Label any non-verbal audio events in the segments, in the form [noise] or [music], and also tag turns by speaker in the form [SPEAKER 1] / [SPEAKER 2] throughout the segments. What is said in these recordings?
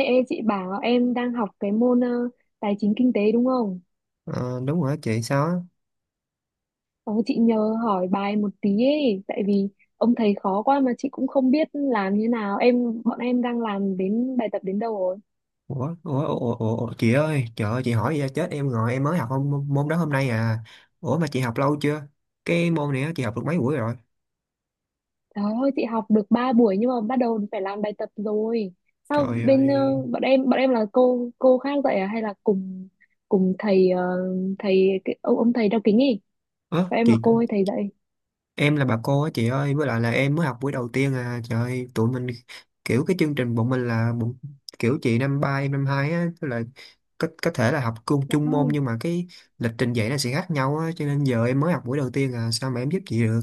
[SPEAKER 1] Ê, ê chị bảo em đang học cái môn tài chính kinh tế đúng không?
[SPEAKER 2] Ờ, đúng rồi đó chị sao á.
[SPEAKER 1] Ờ, chị nhờ hỏi bài một tí ấy, tại vì ông thầy khó quá mà chị cũng không biết làm như nào. Bọn em đang làm đến bài tập đến đâu rồi?
[SPEAKER 2] Ủa chị ơi, trời ơi chị hỏi vậy chết em rồi, em mới học môn đó hôm nay à. Ủa mà chị học lâu chưa, cái môn này á, chị học được mấy buổi rồi?
[SPEAKER 1] Trời ơi chị học được 3 buổi nhưng mà bắt đầu phải làm bài tập rồi. Sao
[SPEAKER 2] Trời
[SPEAKER 1] bên
[SPEAKER 2] ơi.
[SPEAKER 1] bọn em là cô khác dạy à hay là cùng cùng thầy thầy cái, ông thầy đeo kính ấy?
[SPEAKER 2] Ớ
[SPEAKER 1] Bọn em là
[SPEAKER 2] chị,
[SPEAKER 1] cô hay thầy dạy?
[SPEAKER 2] em là bà cô á chị ơi, với lại là em mới học buổi đầu tiên à, trời ơi, tụi mình kiểu cái chương trình bọn mình, kiểu chị năm ba em năm hai á, tức là có thể là học chung
[SPEAKER 1] Trời
[SPEAKER 2] chung môn,
[SPEAKER 1] ơi,
[SPEAKER 2] nhưng mà cái lịch trình dạy nó sẽ khác nhau á, cho nên giờ em mới học buổi đầu tiên à, sao mà em giúp chị được.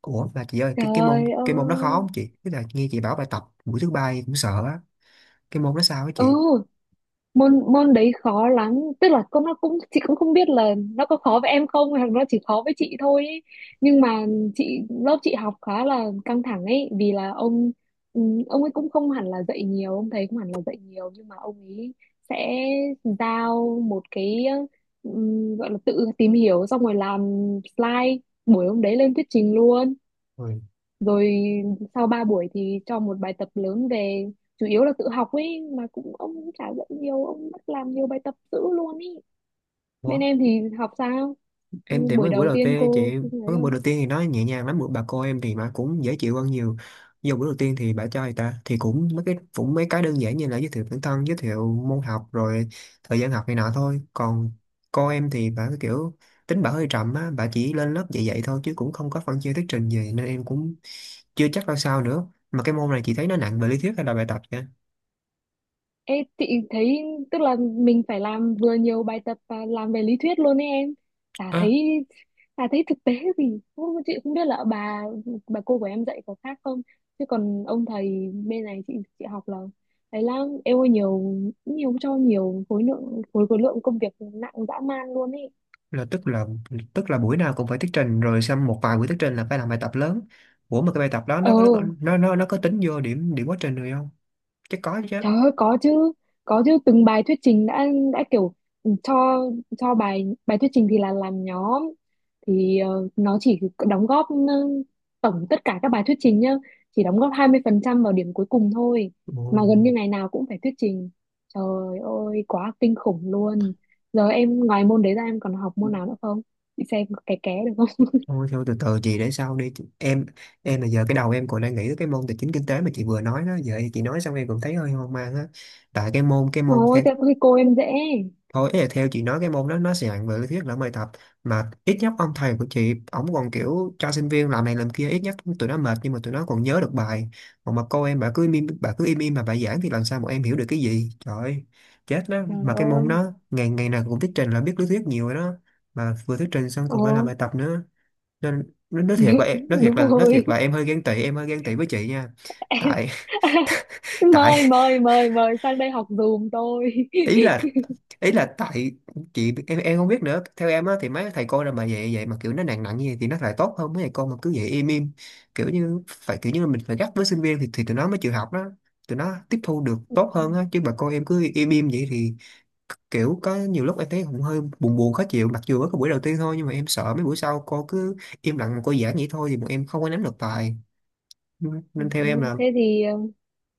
[SPEAKER 2] Ủa mà chị ơi, cái cái môn
[SPEAKER 1] trời
[SPEAKER 2] cái môn đó khó
[SPEAKER 1] ơi.
[SPEAKER 2] không chị? Tức là nghe chị bảo bài tập buổi thứ ba em cũng sợ á. Cái môn đó sao á
[SPEAKER 1] Ừ,
[SPEAKER 2] chị?
[SPEAKER 1] môn môn đấy khó lắm, tức là con nó cũng chị cũng không biết là nó có khó với em không hoặc nó chỉ khó với chị thôi ấy. Nhưng mà lớp chị học khá là căng thẳng ấy vì là ông ừ, ông ấy cũng không hẳn là dạy nhiều, ông thầy cũng hẳn là dạy nhiều nhưng mà ông ấy sẽ giao một cái ừ, gọi là tự tìm hiểu xong rồi làm slide buổi hôm đấy lên thuyết trình luôn,
[SPEAKER 2] Ôi.
[SPEAKER 1] rồi sau 3 buổi thì cho một bài tập lớn về. Chủ yếu là tự học ấy mà, cũng ông cũng chả dạy nhiều, ông bắt làm nhiều bài tập dữ luôn ý. Bên
[SPEAKER 2] Ủa,
[SPEAKER 1] em thì học sao?
[SPEAKER 2] em
[SPEAKER 1] Ừ,
[SPEAKER 2] thì
[SPEAKER 1] buổi
[SPEAKER 2] mới buổi
[SPEAKER 1] đầu
[SPEAKER 2] đầu
[SPEAKER 1] tiên
[SPEAKER 2] tiên
[SPEAKER 1] cô
[SPEAKER 2] chị,
[SPEAKER 1] thấy
[SPEAKER 2] mới buổi
[SPEAKER 1] không?
[SPEAKER 2] đầu tiên thì nó nhẹ nhàng lắm, bữa bà cô em thì mà cũng dễ chịu hơn nhiều. Vô buổi đầu tiên thì bà cho người ta thì cũng mấy cái đơn giản như là giới thiệu bản thân, giới thiệu môn học rồi thời gian học này nọ thôi. Còn cô em thì bà cái kiểu tính bà hơi trầm á, bà chỉ lên lớp dạy dạy thôi chứ cũng không có phân chia thuyết trình gì, nên em cũng chưa chắc ra sao nữa. Mà cái môn này chị thấy nó nặng về lý thuyết hay là bài tập vậy?
[SPEAKER 1] Ê, chị thấy tức là mình phải làm vừa nhiều bài tập và làm về lý thuyết luôn ấy em. Chả thấy
[SPEAKER 2] À,
[SPEAKER 1] chả thấy thực tế gì. Không, chị không biết là bà cô của em dạy có khác không. Chứ còn ông thầy bên này chị học là thấy là em ơi nhiều nhiều cho nhiều khối lượng khối khối lượng công việc nặng dã man luôn ấy.
[SPEAKER 2] là tức là tức là buổi nào cũng phải thuyết trình, rồi xong một vài buổi thuyết trình là phải làm bài tập lớn. Ủa mà cái bài tập đó
[SPEAKER 1] Ờ,
[SPEAKER 2] nó có tính vô điểm điểm quá trình rồi không? Chắc có chứ.
[SPEAKER 1] trời ơi có chứ, có chứ, từng bài thuyết trình đã kiểu cho cho bài bài thuyết trình thì là làm nhóm, thì nó chỉ đóng góp tổng tất cả các bài thuyết trình nhá chỉ đóng góp 20% vào điểm cuối cùng thôi,
[SPEAKER 2] Ồ.
[SPEAKER 1] mà gần như ngày nào cũng phải thuyết trình. Trời ơi quá kinh khủng luôn. Giờ em ngoài môn đấy ra em còn học môn nào nữa không, chị xem có ké ké được không? [laughs]
[SPEAKER 2] Thôi thôi từ từ chị để sau đi. Chị- em là giờ cái đầu em còn đang nghĩ tới cái môn tài chính kinh tế mà chị vừa nói đó, giờ chị nói xong em cũng thấy hơi hoang mang á, tại cái môn
[SPEAKER 1] Ôi
[SPEAKER 2] theo
[SPEAKER 1] thế có khi cô em dễ.
[SPEAKER 2] thôi, ý là theo chị nói cái môn đó nó sẽ nặng về lý thuyết lẫn bài tập, mà ít nhất ông thầy của chị ổng còn kiểu cho sinh viên làm này làm kia, ít nhất tụi nó mệt nhưng mà tụi nó còn nhớ được bài. Còn mà cô em bà cứ im im mà bà giảng thì làm sao bọn em hiểu được cái gì, trời ơi, chết đó.
[SPEAKER 1] Trời
[SPEAKER 2] Mà cái môn
[SPEAKER 1] ơi.
[SPEAKER 2] đó ngày ngày nào cũng thuyết trình là biết lý thuyết nhiều rồi đó, mà vừa thuyết trình xong
[SPEAKER 1] Ồ.
[SPEAKER 2] còn phải làm bài tập nữa, nên nó nói thiệt là
[SPEAKER 1] [laughs]
[SPEAKER 2] em
[SPEAKER 1] Đúng
[SPEAKER 2] nói thiệt
[SPEAKER 1] rồi.
[SPEAKER 2] là em hơi ghen tị, với chị nha. Tại
[SPEAKER 1] [laughs]
[SPEAKER 2] [laughs] tại
[SPEAKER 1] Mời mời mời mời sang đây học giùm tôi.
[SPEAKER 2] ý là
[SPEAKER 1] [laughs]
[SPEAKER 2] ý là tại chị, em không biết nữa, theo em á thì mấy thầy cô nào mà vậy vậy mà kiểu nó nặng nặng như vậy thì nó lại tốt hơn mấy thầy cô mà cứ vậy im im, kiểu như phải kiểu như là mình phải gắt với sinh viên thì tụi nó mới chịu học đó, tụi nó tiếp thu được tốt hơn á, chứ mà cô em cứ im im vậy thì kiểu có nhiều lúc em thấy cũng hơi buồn buồn khó chịu, mặc dù ở cái buổi đầu tiên thôi, nhưng mà em sợ mấy buổi sau cô cứ im lặng mà cô giảng vậy thôi thì bọn em không có nắm được bài,
[SPEAKER 1] Ừ,
[SPEAKER 2] nên theo
[SPEAKER 1] ừ.
[SPEAKER 2] em là
[SPEAKER 1] Thế thì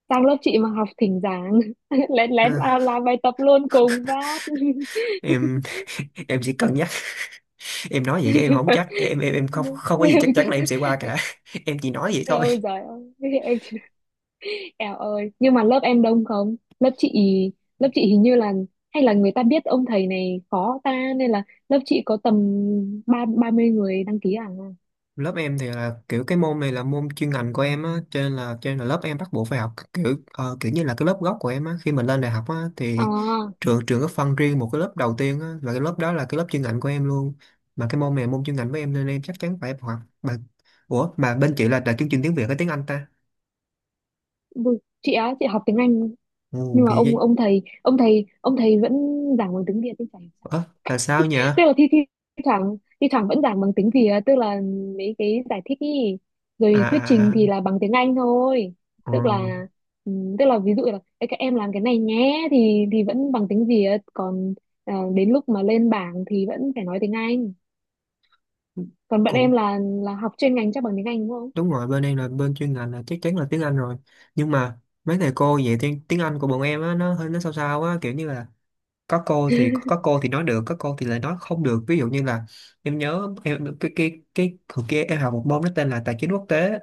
[SPEAKER 1] sang lớp chị mà học thỉnh giảng [laughs] lén
[SPEAKER 2] ờ,
[SPEAKER 1] lén vào làm bài tập luôn cùng vát.
[SPEAKER 2] em. [laughs] em chỉ cần em nói vậy chứ em không chắc, em không không có gì chắc
[SPEAKER 1] [laughs]
[SPEAKER 2] chắn
[SPEAKER 1] Chắc
[SPEAKER 2] là em sẽ qua cả. [laughs] Em chỉ nói vậy thôi.
[SPEAKER 1] ôi giời ơi [laughs] em chỉ eo ơi nhưng mà lớp em đông không lớp chị? Lớp chị hình như là, hay là người ta biết ông thầy này khó ta nên là lớp chị có tầm ba ba mươi người đăng ký à.
[SPEAKER 2] Lớp em thì là kiểu cái môn này là môn chuyên ngành của em á, cho nên là lớp em bắt buộc phải học, kiểu kiểu như là cái lớp gốc của em á, khi mình lên đại học á thì
[SPEAKER 1] À
[SPEAKER 2] trường trường có phân riêng một cái lớp đầu tiên á, và cái lớp đó là cái lớp chuyên ngành của em luôn, mà cái môn này là môn chuyên ngành của em nên em chắc chắn phải học mà. Ủa mà bên chị là chương trình tiếng Việt hay tiếng Anh ta?
[SPEAKER 1] chị á chị học tiếng Anh,
[SPEAKER 2] Ồ
[SPEAKER 1] nhưng mà
[SPEAKER 2] bị
[SPEAKER 1] ông
[SPEAKER 2] gì.
[SPEAKER 1] ông thầy ông thầy ông thầy vẫn giảng bằng tiếng Việt thì phải.
[SPEAKER 2] Ủa là sao nhỉ?
[SPEAKER 1] Tức
[SPEAKER 2] À,
[SPEAKER 1] là thi thi thoảng vẫn giảng bằng tiếng Việt, tức là mấy cái giải thích ý,
[SPEAKER 2] à,
[SPEAKER 1] rồi thuyết trình
[SPEAKER 2] à.
[SPEAKER 1] thì là bằng tiếng Anh thôi.
[SPEAKER 2] Ờ.
[SPEAKER 1] Tức là ừ, tức là ví dụ là "Ê, các em làm cái này nhé" thì vẫn bằng tiếng Việt, còn đến lúc mà lên bảng thì vẫn phải nói tiếng Anh. Còn bạn em
[SPEAKER 2] Còn
[SPEAKER 1] là học chuyên ngành chắc bằng tiếng Anh đúng không?
[SPEAKER 2] đúng rồi, bên em là bên chuyên ngành là chắc chắn là tiếng Anh rồi, nhưng mà mấy thầy cô dạy tiếng tiếng Anh của bọn em á nó hơi nó sao sao á, kiểu như là có cô thì nói được, có cô thì lại nói không được, ví dụ như là em nhớ em cái hồi kia em học một môn nó tên là tài chính quốc tế.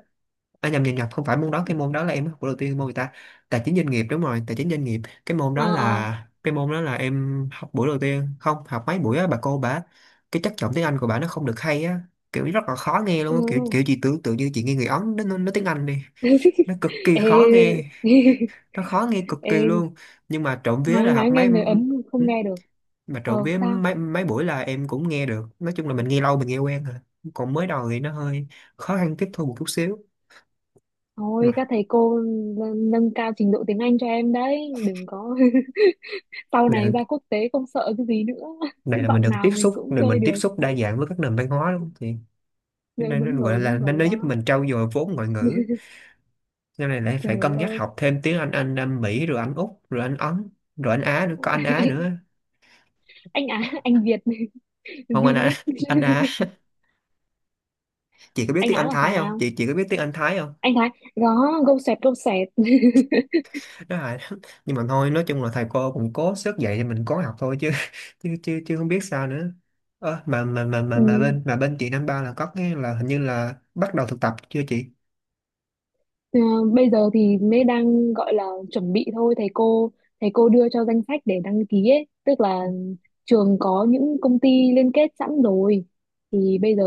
[SPEAKER 2] À, nhầm nhầm nhầm không phải môn đó, cái môn đó là em học của đầu tiên môn người ta tài chính doanh nghiệp, đúng rồi tài chính doanh nghiệp. cái môn
[SPEAKER 1] Ờ
[SPEAKER 2] đó
[SPEAKER 1] ờ.
[SPEAKER 2] là cái môn đó là em học buổi đầu tiên không học mấy buổi á, bà cô bà cái chất giọng tiếng Anh của bà nó không được hay á, kiểu rất là khó nghe luôn á, kiểu
[SPEAKER 1] Ừ.
[SPEAKER 2] kiểu chị tưởng tượng như chị nghe người Ấn nó nói tiếng Anh đi, nó
[SPEAKER 1] [laughs]
[SPEAKER 2] cực kỳ khó
[SPEAKER 1] Ê.
[SPEAKER 2] nghe,
[SPEAKER 1] [laughs] Ê,
[SPEAKER 2] nó khó nghe cực kỳ luôn, nhưng mà trộm vía là
[SPEAKER 1] nói
[SPEAKER 2] học
[SPEAKER 1] nghe
[SPEAKER 2] mấy.
[SPEAKER 1] người Ấn
[SPEAKER 2] Ừ,
[SPEAKER 1] không nghe được.
[SPEAKER 2] mà trộm
[SPEAKER 1] Ờ.
[SPEAKER 2] vía
[SPEAKER 1] Sao?
[SPEAKER 2] mấy mấy buổi là em cũng nghe được, nói chung là mình nghe lâu mình nghe quen rồi, còn mới đầu thì nó hơi khó khăn tiếp thu một chút xíu
[SPEAKER 1] Thôi
[SPEAKER 2] mà.
[SPEAKER 1] các thầy cô nâng cao trình độ tiếng Anh cho em đấy, đừng có [laughs] sau
[SPEAKER 2] Dạ.
[SPEAKER 1] này ra quốc tế không sợ cái gì nữa.
[SPEAKER 2] Này
[SPEAKER 1] [laughs]
[SPEAKER 2] là mình
[SPEAKER 1] Giọng
[SPEAKER 2] được tiếp
[SPEAKER 1] nào mình
[SPEAKER 2] xúc
[SPEAKER 1] cũng
[SPEAKER 2] rồi,
[SPEAKER 1] chơi
[SPEAKER 2] mình tiếp
[SPEAKER 1] được.
[SPEAKER 2] xúc đa dạng với các nền văn hóa đúng không? Thì cái
[SPEAKER 1] Dạ,
[SPEAKER 2] này
[SPEAKER 1] đúng
[SPEAKER 2] nó gọi
[SPEAKER 1] rồi,
[SPEAKER 2] là
[SPEAKER 1] đúng
[SPEAKER 2] nên
[SPEAKER 1] rồi
[SPEAKER 2] nó giúp
[SPEAKER 1] đó.
[SPEAKER 2] mình trau dồi vốn ngoại ngữ, sau này lại
[SPEAKER 1] Trời
[SPEAKER 2] phải cân nhắc
[SPEAKER 1] ơi,
[SPEAKER 2] học thêm tiếng Anh Anh Mỹ rồi Anh Úc rồi Anh Ấn rồi Anh Á nữa, có Anh Á nữa,
[SPEAKER 1] [laughs] anh Á, anh Việt, [laughs]
[SPEAKER 2] không anh Á,
[SPEAKER 1] V-League.
[SPEAKER 2] anh Á.
[SPEAKER 1] [laughs]
[SPEAKER 2] Chị có biết
[SPEAKER 1] Anh
[SPEAKER 2] tiếng
[SPEAKER 1] Á
[SPEAKER 2] Anh
[SPEAKER 1] là
[SPEAKER 2] Thái không
[SPEAKER 1] sao?
[SPEAKER 2] chị, chị có biết tiếng Anh Thái không
[SPEAKER 1] Anh Thái, đó, gâu sẹt, gâu sẹt. [laughs]
[SPEAKER 2] đó là. [laughs] Nhưng mà thôi nói chung là thầy cô cũng cố sức dạy thì mình cố học thôi, chứ không biết sao nữa. Ờ, mà mà mà mà
[SPEAKER 1] Ừ.
[SPEAKER 2] mà bên mà bên chị năm ba là có cái là hình như là bắt đầu thực tập chưa chị?
[SPEAKER 1] Ờ, bây giờ thì mới đang gọi là chuẩn bị thôi, thầy cô đưa cho danh sách để đăng ký ấy, tức là trường có những công ty liên kết sẵn rồi, thì bây giờ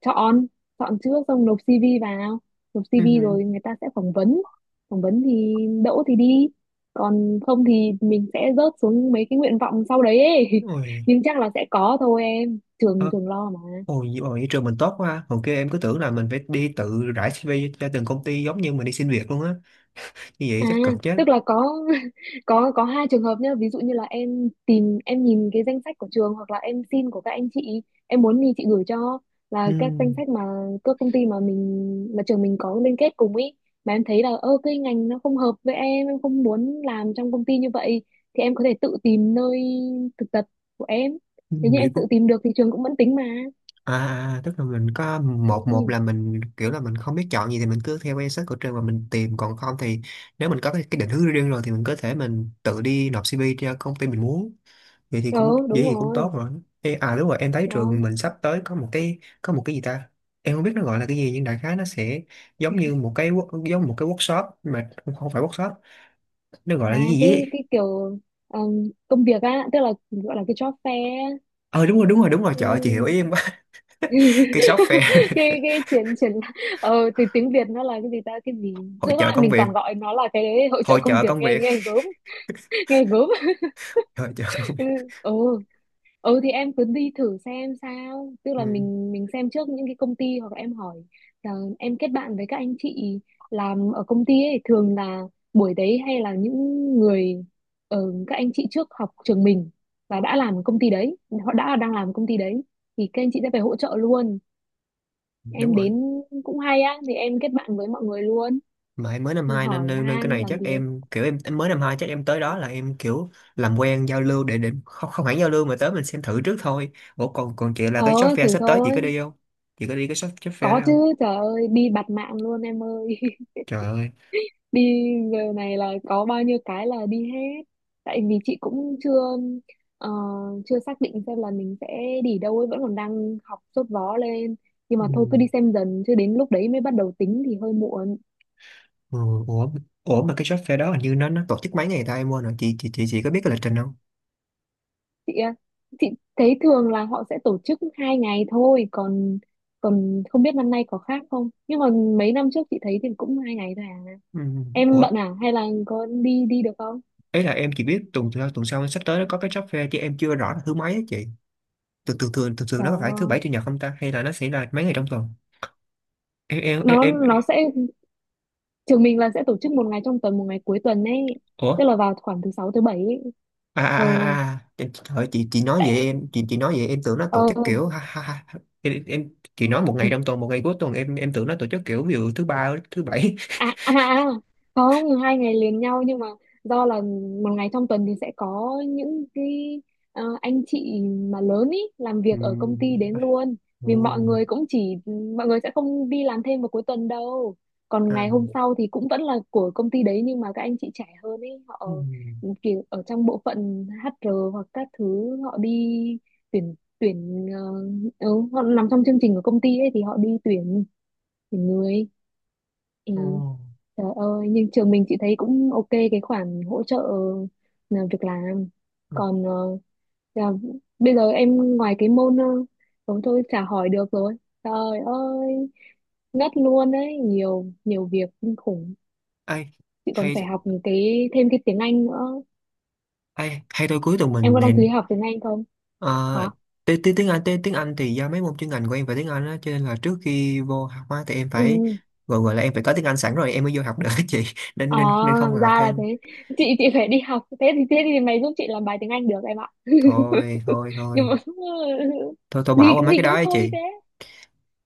[SPEAKER 1] chọn chọn trước xong nộp CV vào, nộp
[SPEAKER 2] Ừ.
[SPEAKER 1] CV rồi người ta sẽ phỏng vấn. Phỏng vấn thì đỗ thì đi, còn không thì mình sẽ rớt xuống mấy cái nguyện vọng sau đấy ấy.
[SPEAKER 2] Ôi.
[SPEAKER 1] [laughs] Nhưng chắc là sẽ có thôi em, trường
[SPEAKER 2] Ờ.
[SPEAKER 1] trường lo mà.
[SPEAKER 2] Ôi, nhưng mà vậy trường mình tốt quá ha. Hồi kia em cứ tưởng là mình phải đi tự rải CV cho từng công ty giống như mình đi xin việc luôn á. Như vậy
[SPEAKER 1] À,
[SPEAKER 2] chắc cực chứ.
[SPEAKER 1] tức là có [laughs] có hai trường hợp nhá, ví dụ như là em tìm em nhìn cái danh sách của trường hoặc là em xin của các anh chị, em muốn thì chị gửi cho, là các danh sách mà các công ty mà mình mà trường mình có liên kết cùng ý. Mà em thấy là ơ cái ngành nó không hợp với em không muốn làm trong công ty như vậy, thì em có thể tự tìm nơi thực tập của em.
[SPEAKER 2] Ừ.
[SPEAKER 1] Nếu như em tự tìm được thì trường cũng vẫn tính mà.
[SPEAKER 2] À, à, à, tức là mình có một,
[SPEAKER 1] Ừ.
[SPEAKER 2] một là mình kiểu là mình không biết chọn gì thì mình cứ theo cái search của trường mà mình tìm, còn không thì nếu mình có cái định hướng riêng rồi thì mình có thể mình tự đi nộp CV cho công ty mình muốn,
[SPEAKER 1] Ờ,
[SPEAKER 2] vậy
[SPEAKER 1] đúng
[SPEAKER 2] thì cũng
[SPEAKER 1] rồi.
[SPEAKER 2] tốt rồi. Ê, à đúng rồi em thấy
[SPEAKER 1] Đó.
[SPEAKER 2] trường mình sắp tới có một cái gì ta, em không biết nó gọi là cái gì nhưng đại khái nó sẽ giống như một cái giống một cái workshop mà không, không phải workshop, nó gọi là
[SPEAKER 1] À
[SPEAKER 2] cái gì ấy.
[SPEAKER 1] cái kiểu công việc á, tức là gọi là cái job fair á.
[SPEAKER 2] Ờ đúng rồi trời ơi, chị hiểu
[SPEAKER 1] Cái
[SPEAKER 2] ý em quá. [laughs] Cái shop
[SPEAKER 1] [laughs]
[SPEAKER 2] fair.
[SPEAKER 1] cái triển triển từ tiếng Việt nó là cái gì ta, cái
[SPEAKER 2] [laughs]
[SPEAKER 1] gì? Tức
[SPEAKER 2] Hội chợ
[SPEAKER 1] lại
[SPEAKER 2] công
[SPEAKER 1] mình
[SPEAKER 2] việc,
[SPEAKER 1] toàn gọi nó là cái hội trợ
[SPEAKER 2] hội
[SPEAKER 1] công
[SPEAKER 2] chợ
[SPEAKER 1] việc
[SPEAKER 2] công
[SPEAKER 1] nghe
[SPEAKER 2] việc
[SPEAKER 1] nghe gớm. [laughs] Nghe gớm.
[SPEAKER 2] hội chợ công việc.
[SPEAKER 1] Ừ, ừ thì em cứ đi thử xem sao, tức là
[SPEAKER 2] Ừ.
[SPEAKER 1] mình xem trước những cái công ty hoặc là em hỏi là em kết bạn với các anh chị làm ở công ty ấy, thường là buổi đấy hay là những người các anh chị trước học trường mình và đã làm ở công ty đấy, họ đã đang làm ở công ty đấy thì các anh chị sẽ phải hỗ trợ luôn
[SPEAKER 2] Đúng
[SPEAKER 1] em
[SPEAKER 2] rồi.
[SPEAKER 1] đến, cũng hay á thì em kết bạn với mọi người luôn,
[SPEAKER 2] Mà em mới năm hai nên,
[SPEAKER 1] hỏi
[SPEAKER 2] nên cái
[SPEAKER 1] han
[SPEAKER 2] này
[SPEAKER 1] làm
[SPEAKER 2] chắc
[SPEAKER 1] việc.
[SPEAKER 2] em kiểu em mới năm hai chắc em tới đó là em kiểu làm quen giao lưu để không không hẳn giao lưu mà tới mình xem thử trước thôi. Ủa còn còn chị là
[SPEAKER 1] Ờ
[SPEAKER 2] cái shop fair
[SPEAKER 1] thử
[SPEAKER 2] sắp tới chị
[SPEAKER 1] thôi.
[SPEAKER 2] có đi không, chị có đi cái shop shop fair
[SPEAKER 1] Có
[SPEAKER 2] đấy
[SPEAKER 1] chứ,
[SPEAKER 2] không?
[SPEAKER 1] trời ơi đi bạt mạng luôn em ơi. [laughs]
[SPEAKER 2] Trời ơi.
[SPEAKER 1] Đi giờ này là có bao nhiêu cái là đi hết, tại vì chị cũng chưa ờ, chưa xác định xem là mình sẽ đi đâu ấy, vẫn còn đang học sốt vó lên, nhưng mà thôi
[SPEAKER 2] Ừ.
[SPEAKER 1] cứ đi xem dần chứ đến lúc đấy mới bắt đầu tính thì hơi muộn.
[SPEAKER 2] Ừ, ủa, mà cái shop fair đó hình như nó tổ chức mấy ngày ta, em quên rồi chị, có biết cái lịch trình không?
[SPEAKER 1] Chị ạ, chị thấy thường là họ sẽ tổ chức hai ngày thôi, còn còn không biết năm nay có khác không nhưng mà mấy năm trước chị thấy thì cũng hai ngày thôi à.
[SPEAKER 2] Ừ.
[SPEAKER 1] Em
[SPEAKER 2] Ủa
[SPEAKER 1] bận à hay là có đi đi được không?
[SPEAKER 2] ấy là em chỉ biết tuần sau, sắp tới nó có cái shop fair, chứ em chưa rõ là thứ mấy á chị, thường thường thường thường thường
[SPEAKER 1] Trời
[SPEAKER 2] nó có phải thứ
[SPEAKER 1] ơi.
[SPEAKER 2] bảy chủ nhật không ta, hay là nó sẽ là mấy ngày trong tuần? em em em,
[SPEAKER 1] nó nó
[SPEAKER 2] em...
[SPEAKER 1] sẽ trường mình là sẽ tổ chức một ngày trong tuần một ngày cuối tuần ấy,
[SPEAKER 2] Ủa
[SPEAKER 1] tức là vào khoảng thứ sáu thứ bảy ấy.
[SPEAKER 2] à,
[SPEAKER 1] Ừ.
[SPEAKER 2] à, à, à. Trời ơi, chị nói vậy
[SPEAKER 1] Tại
[SPEAKER 2] em, tưởng nó tổ chức kiểu
[SPEAKER 1] ừ.
[SPEAKER 2] ha, ha, ha. Em, chị nói một ngày trong tuần một ngày cuối tuần em tưởng nó tổ chức kiểu ví dụ thứ ba thứ bảy.
[SPEAKER 1] À, à, à, không hai ngày liền nhau nhưng mà do là một ngày trong tuần thì sẽ có những cái anh chị mà lớn ý làm
[SPEAKER 2] [laughs] Ừ,
[SPEAKER 1] việc ở công ty đến
[SPEAKER 2] dạ.
[SPEAKER 1] luôn,
[SPEAKER 2] Ừ,
[SPEAKER 1] vì mọi người cũng chỉ mọi người sẽ không đi làm thêm vào cuối tuần đâu. Còn
[SPEAKER 2] à,
[SPEAKER 1] ngày hôm sau thì cũng vẫn là của công ty đấy nhưng mà các anh chị trẻ hơn ý, họ
[SPEAKER 2] ừ,
[SPEAKER 1] kiểu ở trong bộ phận HR hoặc các thứ họ đi tuyển tuyển ờ, ừ, họ nằm trong chương trình của công ty ấy thì họ đi tuyển tuyển người. Ừ.
[SPEAKER 2] ừ.
[SPEAKER 1] Trời ơi, nhưng trường mình chị thấy cũng ok cái khoản hỗ trợ việc làm.
[SPEAKER 2] Ừ.
[SPEAKER 1] Còn là, bây giờ em ngoài cái môn thôi thôi chả hỏi được rồi. Trời ơi, ngất luôn đấy, nhiều nhiều việc kinh khủng.
[SPEAKER 2] Ai
[SPEAKER 1] Chị còn
[SPEAKER 2] hay,
[SPEAKER 1] phải học những cái thêm cái tiếng Anh nữa.
[SPEAKER 2] ai hay tôi cuối tuần
[SPEAKER 1] Em
[SPEAKER 2] mình
[SPEAKER 1] có đăng
[SPEAKER 2] này.
[SPEAKER 1] ký học tiếng Anh không? Hả?
[SPEAKER 2] Ờ, tiếng tiếng tiếng Anh thì do mấy môn chuyên ngành của em phải tiếng Anh á, cho nên là trước khi vô học á thì em phải
[SPEAKER 1] Ừ.
[SPEAKER 2] gọi, gọi là em phải có tiếng Anh sẵn rồi em mới vô học được á chị. [laughs] Nên
[SPEAKER 1] À,
[SPEAKER 2] nên nên không cần học
[SPEAKER 1] ra là thế.
[SPEAKER 2] thêm.
[SPEAKER 1] Chị phải đi học. Thế thì mày giúp chị làm bài tiếng Anh được em ạ.
[SPEAKER 2] thôi
[SPEAKER 1] [laughs]
[SPEAKER 2] thôi
[SPEAKER 1] Nhưng
[SPEAKER 2] thôi
[SPEAKER 1] mà
[SPEAKER 2] thôi thôi
[SPEAKER 1] [laughs]
[SPEAKER 2] bỏ
[SPEAKER 1] gì
[SPEAKER 2] qua mấy
[SPEAKER 1] gì
[SPEAKER 2] cái đó
[SPEAKER 1] cũng
[SPEAKER 2] ấy
[SPEAKER 1] thôi
[SPEAKER 2] chị.
[SPEAKER 1] thế.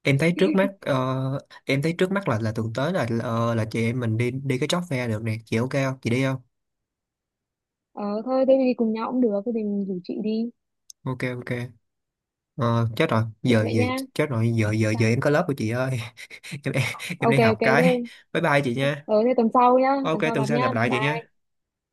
[SPEAKER 2] Em thấy trước mắt em thấy trước mắt là thực tới là là chị em mình đi đi cái job fair được nè chị, ok không chị đi không?
[SPEAKER 1] Ờ thôi thế thì cùng nhau cũng được. Thế thì mình rủ chị đi.
[SPEAKER 2] Ok ok. Ờ, chết rồi
[SPEAKER 1] Ok
[SPEAKER 2] giờ
[SPEAKER 1] vậy
[SPEAKER 2] giờ,
[SPEAKER 1] nha. Sao?
[SPEAKER 2] giờ em có lớp của chị ơi. [laughs] Em em
[SPEAKER 1] Ok
[SPEAKER 2] đi học
[SPEAKER 1] ok thế.
[SPEAKER 2] cái, bye bye chị nha.
[SPEAKER 1] Ờ thế tuần sau nhá.
[SPEAKER 2] Ok
[SPEAKER 1] Tuần sau
[SPEAKER 2] tuần
[SPEAKER 1] gặp
[SPEAKER 2] sau gặp
[SPEAKER 1] nhá.
[SPEAKER 2] lại chị nha.
[SPEAKER 1] Bye.